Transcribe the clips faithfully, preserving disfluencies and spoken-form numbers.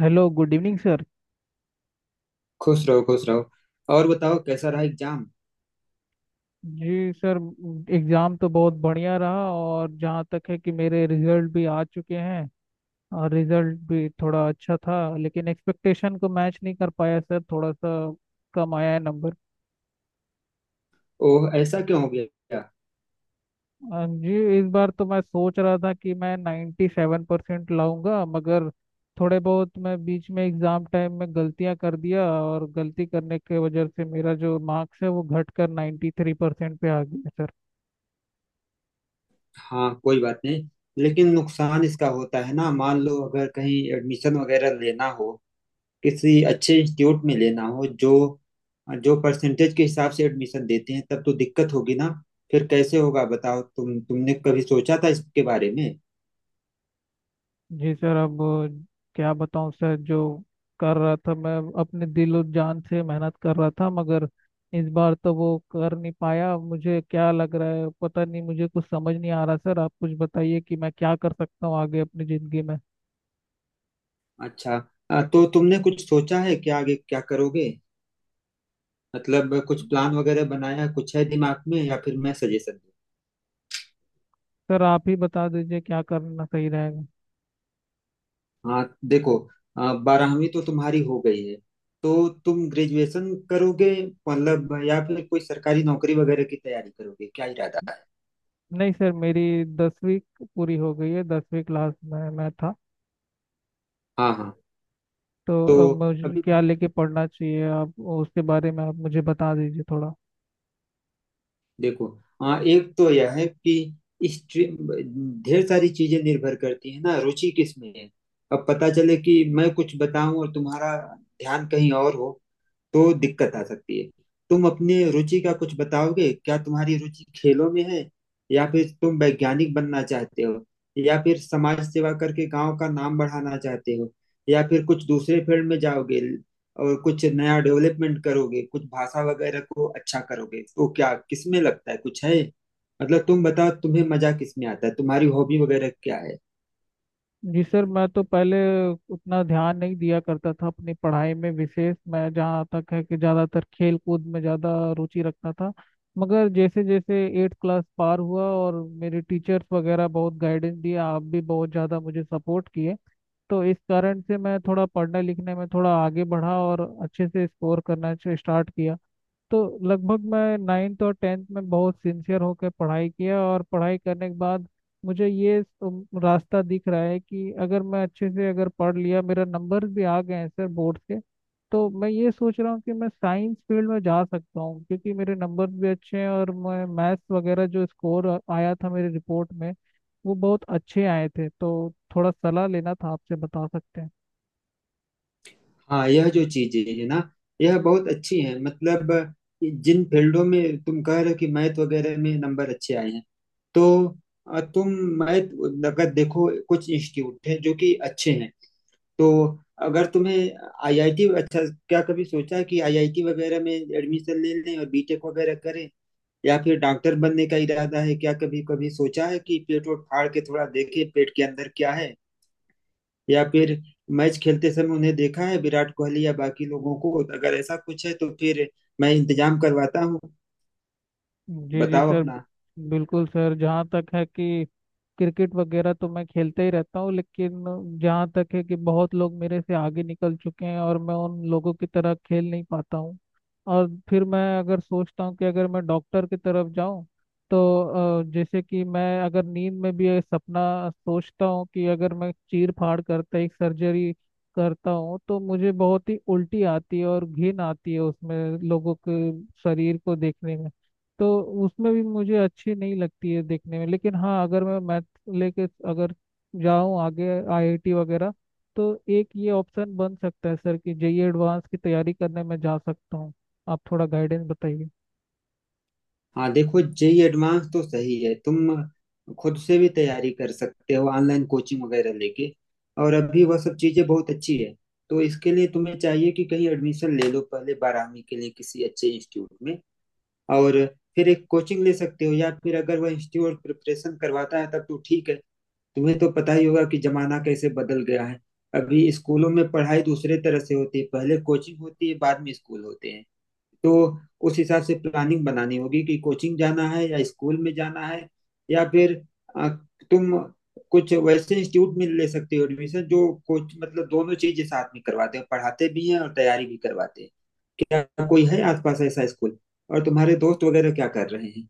Hello good evening sir. खुश रहो खुश रहो। और बताओ कैसा रहा एग्जाम। जी सर, एग्ज़ाम तो बहुत बढ़िया रहा और जहाँ तक है कि मेरे रिजल्ट भी आ चुके हैं। और रिजल्ट भी थोड़ा अच्छा था लेकिन एक्सपेक्टेशन को मैच नहीं कर पाया सर, थोड़ा सा कम आया है नंबर। ओह, ऐसा क्यों हो गया? अ, जी इस बार तो मैं सोच रहा था कि मैं नाइन्टी सेवन परसेंट लाऊंगा, मगर थोड़े बहुत मैं बीच में एग्ज़ाम टाइम में गलतियां कर दिया और गलती करने के वजह से मेरा जो मार्क्स है वो घट कर नाइन्टी थ्री परसेंट पे आ गया सर। हाँ कोई बात नहीं। लेकिन नुकसान इसका होता है ना, मान लो अगर कहीं एडमिशन वगैरह लेना हो, किसी अच्छे इंस्टीट्यूट में लेना हो, जो जो परसेंटेज के हिसाब से एडमिशन देते हैं, तब तो दिक्कत होगी ना। फिर कैसे होगा बताओ? तुम तुमने कभी सोचा था इसके बारे में? जी सर, अब क्या बताऊं सर, जो कर रहा था मैं अपने दिल और जान से मेहनत कर रहा था, मगर इस बार तो वो कर नहीं पाया। मुझे क्या लग रहा है पता नहीं, मुझे कुछ समझ नहीं आ रहा। सर आप कुछ बताइए कि मैं क्या कर सकता हूँ आगे अपनी ज़िंदगी में। अच्छा। अ, तो तुमने कुछ सोचा है कि आगे क्या करोगे? मतलब कुछ प्लान वगैरह बनाया, कुछ है दिमाग में, या फिर मैं सजेशन... सर आप ही बता दीजिए क्या करना सही रहेगा। हाँ देखो, अ, बारहवीं तो तुम्हारी हो गई है, तो तुम ग्रेजुएशन करोगे, मतलब, या फिर कोई सरकारी नौकरी वगैरह की तैयारी करोगे? क्या इरादा है? नहीं सर, मेरी दसवीं पूरी हो गई है, दसवीं क्लास में मैं था। हाँ हाँ। तो तो अब मुझे अभी क्या लेके पढ़ना चाहिए, आप उसके बारे में आप मुझे बता दीजिए थोड़ा। देखो, हाँ, एक तो यह है कि स्ट्रीम, ढेर सारी चीजें निर्भर करती है ना, रुचि किस में है। अब पता चले कि मैं कुछ बताऊं और तुम्हारा ध्यान कहीं और हो, तो दिक्कत आ सकती है। तुम अपनी रुचि का कुछ बताओगे? क्या तुम्हारी रुचि खेलों में है, या फिर तुम वैज्ञानिक बनना चाहते हो, या फिर समाज सेवा करके गांव का नाम बढ़ाना चाहते हो, या फिर कुछ दूसरे फील्ड में जाओगे और कुछ नया डेवलपमेंट करोगे, कुछ भाषा वगैरह को अच्छा करोगे? तो क्या किसमें लगता है कुछ है? मतलब तुम बताओ, तुम्हें मजा किसमें आता है, तुम्हारी हॉबी वगैरह क्या है? जी सर, मैं तो पहले उतना ध्यान नहीं दिया करता था अपनी पढ़ाई में विशेष, मैं जहाँ तक है कि ज़्यादातर खेल कूद में ज़्यादा रुचि रखता था। मगर जैसे जैसे एट क्लास पार हुआ और मेरे टीचर्स वगैरह बहुत गाइडेंस दिए, आप भी बहुत ज़्यादा मुझे सपोर्ट किए, तो इस कारण से मैं थोड़ा पढ़ने लिखने में थोड़ा आगे बढ़ा और अच्छे से स्कोर करना स्टार्ट किया। तो लगभग मैं नाइन्थ और टेंथ में बहुत सिंसियर होकर पढ़ाई किया, और पढ़ाई करने के बाद मुझे ये उम, रास्ता दिख रहा है कि अगर मैं अच्छे से अगर पढ़ लिया, मेरा नंबर भी आ गए हैं सर बोर्ड के, तो मैं ये सोच रहा हूँ कि मैं साइंस फील्ड में जा सकता हूँ, क्योंकि मेरे नंबर भी अच्छे हैं और मैं मैथ्स वगैरह जो स्कोर आया था मेरी रिपोर्ट में वो बहुत अच्छे आए थे। तो थोड़ा सलाह लेना था आपसे, बता सकते हैं? हाँ, यह जो चीजें है ना, यह बहुत अच्छी है। मतलब, जिन फील्डों में तुम कह रहे हो कि मैथ वगैरह में नंबर अच्छे आए हैं, तो अ, तुम, मैथ, अगर देखो कुछ इंस्टीट्यूट हैं जो कि अच्छे हैं, तो अगर तुम्हें आईआईटी अच्छा... क्या कभी सोचा है कि आईआईटी वगैरह में एडमिशन ले लें और बीटेक वगैरह करें? या फिर डॉक्टर बनने का इरादा है? क्या कभी कभी सोचा है कि पेट वोट फाड़ के थोड़ा देखें, पेट के अंदर क्या है, या फिर मैच खेलते समय उन्हें देखा है विराट कोहली या बाकी लोगों को? अगर ऐसा कुछ है तो फिर मैं इंतजाम करवाता हूँ। जी जी बताओ सर। अपना। बिल्कुल सर, जहाँ तक है कि क्रिकेट वगैरह तो मैं खेलते ही रहता हूँ, लेकिन जहाँ तक है कि बहुत लोग मेरे से आगे निकल चुके हैं और मैं उन लोगों की तरह खेल नहीं पाता हूँ। और फिर मैं अगर सोचता हूँ कि अगर मैं डॉक्टर की तरफ जाऊँ, तो अ, जैसे कि मैं अगर नींद में भी एक सपना सोचता हूँ कि अगर मैं चीर फाड़ करता, एक सर्जरी करता हूँ, तो मुझे बहुत ही उल्टी आती है और घिन आती है उसमें लोगों के शरीर को देखने में। तो उसमें भी मुझे अच्छी नहीं लगती है देखने में। लेकिन हाँ, अगर मैं लेके अगर जाऊँ आगे आईआईटी वगैरह, तो एक ये ऑप्शन बन सकता है सर कि जेईई एडवांस की तैयारी करने में जा सकता हूँ। आप थोड़ा गाइडेंस बताइए। हाँ देखो, जेई एडवांस तो सही है। तुम खुद से भी तैयारी कर सकते हो, ऑनलाइन कोचिंग वगैरह लेके, और अभी वह सब चीजें बहुत अच्छी है। तो इसके लिए तुम्हें चाहिए कि कहीं एडमिशन ले लो पहले बारहवीं के लिए किसी अच्छे इंस्टीट्यूट में, और फिर एक कोचिंग ले सकते हो, या फिर अगर वह इंस्टीट्यूट प्रिपरेशन करवाता है तब तो ठीक है। तुम्हें तो पता ही होगा कि जमाना कैसे बदल गया है। अभी स्कूलों में पढ़ाई दूसरे तरह से होती है, पहले कोचिंग होती है, बाद में स्कूल होते हैं। तो उस हिसाब से प्लानिंग बनानी होगी कि कोचिंग जाना है या स्कूल में जाना है, या फिर अ, तुम कुछ वैसे इंस्टीट्यूट में ले सकते हो एडमिशन, जो कोच... मतलब दोनों चीजें साथ में करवाते हैं, पढ़ाते भी हैं और तैयारी भी करवाते हैं। क्या कोई है आसपास ऐसा स्कूल? और तुम्हारे दोस्त वगैरह क्या कर रहे हैं?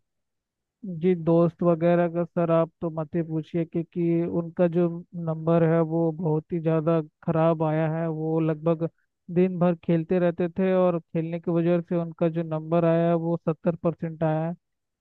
जी दोस्त वगैरह का सर आप तो मत ही पूछिए, क्योंकि उनका जो नंबर है वो बहुत ही ज़्यादा खराब आया है। वो लगभग दिन भर खेलते रहते थे और खेलने की वजह से उनका जो नंबर आया है वो सत्तर परसेंट आया है।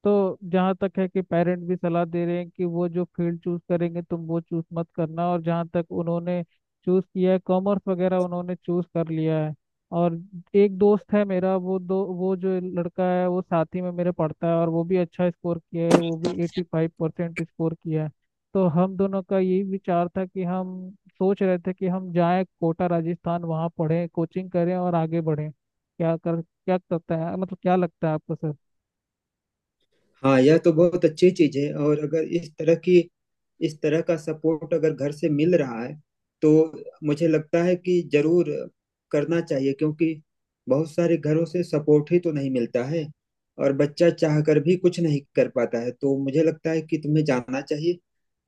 तो जहाँ तक है कि पेरेंट भी सलाह दे रहे हैं कि वो जो फील्ड चूज करेंगे तुम वो चूज मत करना, और जहाँ तक उन्होंने चूज किया है कॉमर्स वगैरह उन्होंने चूज कर लिया है। और एक दोस्त है मेरा, वो दो वो जो लड़का है वो साथ ही में मेरे पढ़ता है, और वो भी अच्छा स्कोर किया है, वो भी एटी फाइव परसेंट स्कोर किया है। तो हम दोनों का यही विचार था कि हम सोच रहे थे कि हम जाएं कोटा राजस्थान, वहाँ पढ़ें, कोचिंग करें और आगे बढ़ें। क्या कर क्या करता है, मतलब क्या लगता है आपको सर? हाँ, यह तो बहुत अच्छी चीज है। और अगर इस तरह की, इस तरह का सपोर्ट अगर घर से मिल रहा है, तो मुझे लगता है कि जरूर करना चाहिए, क्योंकि बहुत सारे घरों से सपोर्ट ही तो नहीं मिलता है, और बच्चा चाह कर भी कुछ नहीं कर पाता है। तो मुझे लगता है कि तुम्हें जाना चाहिए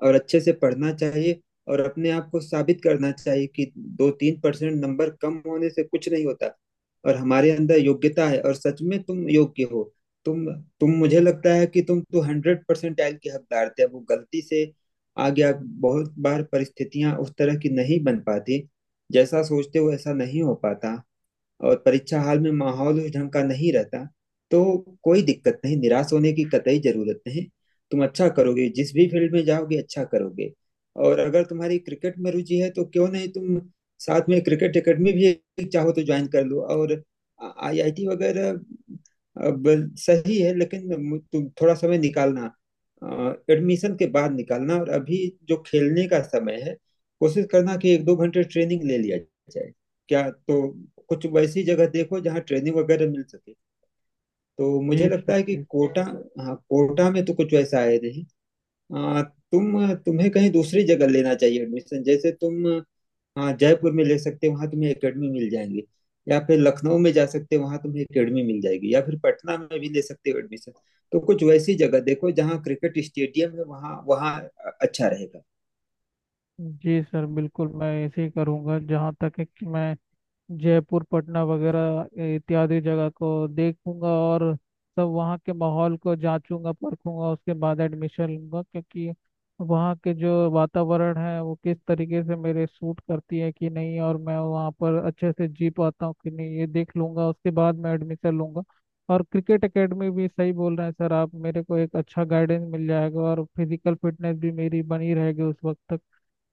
और अच्छे से पढ़ना चाहिए, और अपने आप को साबित करना चाहिए कि दो तीन परसेंट नंबर कम होने से कुछ नहीं होता, और हमारे अंदर योग्यता है। और सच में तुम योग्य हो। तुम तुम, मुझे लगता है कि तुम तो हंड्रेड परसेंटाइल के हकदार थे, अब वो गलती से आ गया। बहुत बार परिस्थितियां उस तरह की नहीं बन पाती, जैसा सोचते हो ऐसा नहीं हो पाता, और परीक्षा हाल में माहौल उस ढंग का नहीं रहता। तो कोई दिक्कत नहीं, निराश होने की कतई जरूरत नहीं। तुम अच्छा करोगे, जिस भी फील्ड में जाओगे अच्छा करोगे। और अगर तुम्हारी क्रिकेट में रुचि है तो क्यों नहीं, तुम साथ में क्रिकेट एकेडमी भी एक चाहो तो ज्वाइन कर लो, और आईआईटी वगैरह अब सही है। लेकिन मु- तुम थोड़ा समय निकालना, एडमिशन के बाद निकालना, और अभी जो खेलने का समय है, कोशिश करना कि एक दो घंटे ट्रेनिंग ले लिया जाए। क्या तो कुछ वैसी जगह देखो जहाँ ट्रेनिंग वगैरह मिल सके। तो मुझे जी सर। लगता है कि जी कोटा... हाँ, कोटा में तो कुछ वैसा है नहीं। आ, तुम, तुम्हें कहीं दूसरी जगह लेना चाहिए एडमिशन, जैसे तुम, हाँ, जयपुर में ले सकते हो, वहाँ तुम्हें एकेडमी मिल जाएंगे, या फिर लखनऊ में जा सकते हो, वहाँ तुम्हें एकेडमी मिल जाएगी, या फिर पटना में भी ले सकते हो एडमिशन। तो कुछ वैसी जगह देखो जहाँ क्रिकेट स्टेडियम है, वहाँ वहाँ अच्छा रहेगा। जी सर, बिल्कुल मैं ऐसे ही करूँगा। जहाँ तक है कि मैं जयपुर पटना वगैरह इत्यादि जगह को देखूंगा और सब वहाँ के माहौल को जांचूंगा परखूंगा, उसके बाद एडमिशन लूंगा, क्योंकि वहाँ के जो वातावरण है वो किस तरीके से मेरे सूट करती है कि नहीं, और मैं वहाँ पर अच्छे से जी पाता हूँ कि नहीं, ये देख लूंगा उसके बाद मैं एडमिशन लूंगा। और क्रिकेट एकेडमी भी सही बोल रहे हैं सर आप, मेरे को एक अच्छा गाइडेंस मिल जाएगा और फिजिकल फिटनेस भी मेरी बनी रहेगी उस वक्त तक।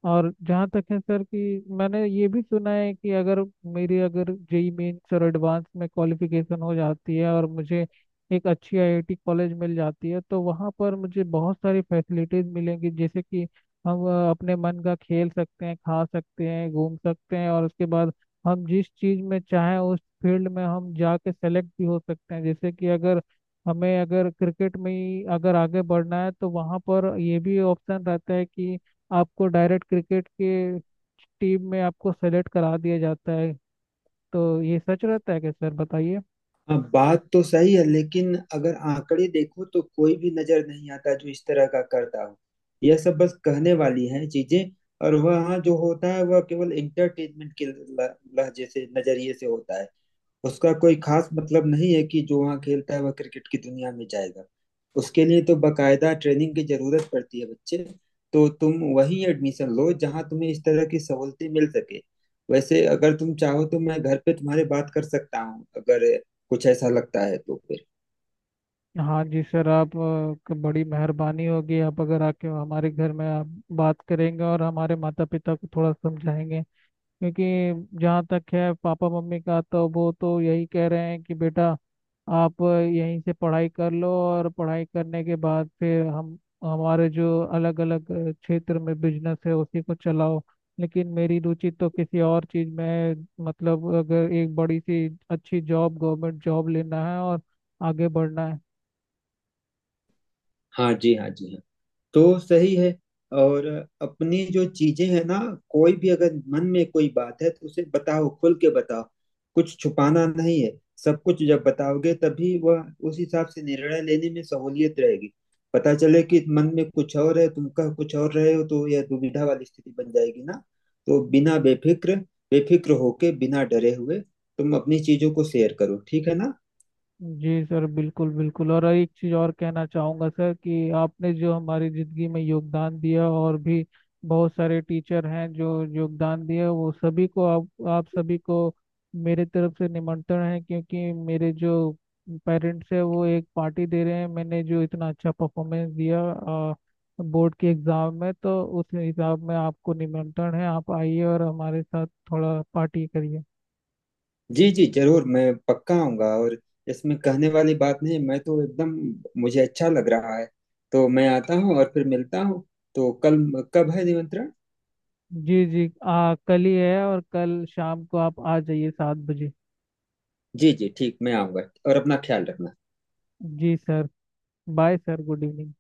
और जहाँ तक है सर कि मैंने ये भी सुना है कि अगर मेरी अगर जेई मेंस और एडवांस में क्वालिफिकेशन हो जाती है और मुझे एक अच्छी आईआईटी कॉलेज मिल जाती है, तो वहाँ पर मुझे बहुत सारी फैसिलिटीज मिलेंगी, जैसे कि हम अ, अपने मन का खेल सकते हैं, खा सकते हैं, घूम सकते हैं, और उसके बाद हम जिस चीज़ में चाहें उस फील्ड में हम जाके सेलेक्ट भी हो सकते हैं। जैसे कि अगर हमें अगर क्रिकेट में ही अगर आगे बढ़ना है, तो वहाँ पर ये भी ऑप्शन रहता है कि आपको डायरेक्ट क्रिकेट के टीम में आपको सेलेक्ट करा दिया जाता है। तो ये सच रहता है क्या सर, बताइए? हाँ बात तो सही है, लेकिन अगर आंकड़े देखो तो कोई भी नजर नहीं आता जो इस तरह का करता हो। यह सब बस कहने वाली है चीजें। और वह, हाँ, जो होता है वह केवल एंटरटेनमेंट के ल- लहजे से, नजरिए से होता है। उसका कोई खास मतलब नहीं है कि जो वहाँ खेलता है वह क्रिकेट की दुनिया में जाएगा। उसके लिए तो बकायदा ट्रेनिंग की जरूरत पड़ती है, बच्चे। तो तुम वहीं एडमिशन लो जहाँ तुम्हें इस तरह की सहूलतें मिल सके। वैसे अगर तुम चाहो तो मैं घर पे तुम्हारे बात कर सकता हूँ, अगर कुछ ऐसा लगता है तो फिर... हाँ जी सर, आप अ, क- बड़ी मेहरबानी होगी, आप अगर आके हमारे घर में आप बात करेंगे और हमारे माता पिता को थोड़ा समझाएंगे। क्योंकि जहाँ तक है पापा मम्मी का, तो वो तो यही कह रहे हैं कि बेटा आप यहीं से पढ़ाई कर लो, और पढ़ाई करने के बाद फिर हम हमारे जो अलग अलग क्षेत्र में बिजनेस है उसी को चलाओ। लेकिन मेरी रुचि तो किसी और चीज़ में है, मतलब अगर एक बड़ी सी अच्छी जॉब, गवर्नमेंट जॉब लेना है और आगे बढ़ना है। हाँ जी, हाँ जी, हाँ। तो सही है। और अपनी जो चीजें हैं ना, कोई भी अगर मन में कोई बात है तो उसे बताओ, खुल के बताओ, कुछ छुपाना नहीं है। सब कुछ जब बताओगे, तभी वह उस हिसाब से निर्णय लेने में सहूलियत रहेगी। पता चले कि मन में कुछ और है, तुम कह कुछ और रहे हो, तो यह दुविधा वाली स्थिति बन जाएगी ना। तो बिना बेफिक्र, बेफिक्र होके, बिना डरे हुए तुम अपनी चीजों को शेयर करो, ठीक है ना? जी सर, बिल्कुल बिल्कुल। और एक चीज़ और कहना चाहूँगा सर कि आपने जो हमारी ज़िंदगी में योगदान दिया, और भी बहुत सारे टीचर हैं जो योगदान दिए, वो सभी को, आप आप सभी को मेरे तरफ से निमंत्रण है, क्योंकि मेरे जो पेरेंट्स है वो एक पार्टी दे रहे हैं। मैंने जो इतना अच्छा परफॉर्मेंस दिया बोर्ड के एग्ज़ाम में, तो उस हिसाब में आपको निमंत्रण है, आप आइए और हमारे साथ थोड़ा पार्टी करिए। जी जी जरूर, मैं पक्का आऊंगा। और इसमें कहने वाली बात नहीं, मैं तो एकदम, मुझे अच्छा लग रहा है। तो मैं आता हूँ और फिर मिलता हूँ। तो कल कब है निमंत्रण? जी जी, आ, कल ही है, और कल शाम को आप आ जाइए सात बजे। जी जी ठीक, मैं आऊंगा। और अपना ख्याल रखना। जी sir, bye sir, good evening.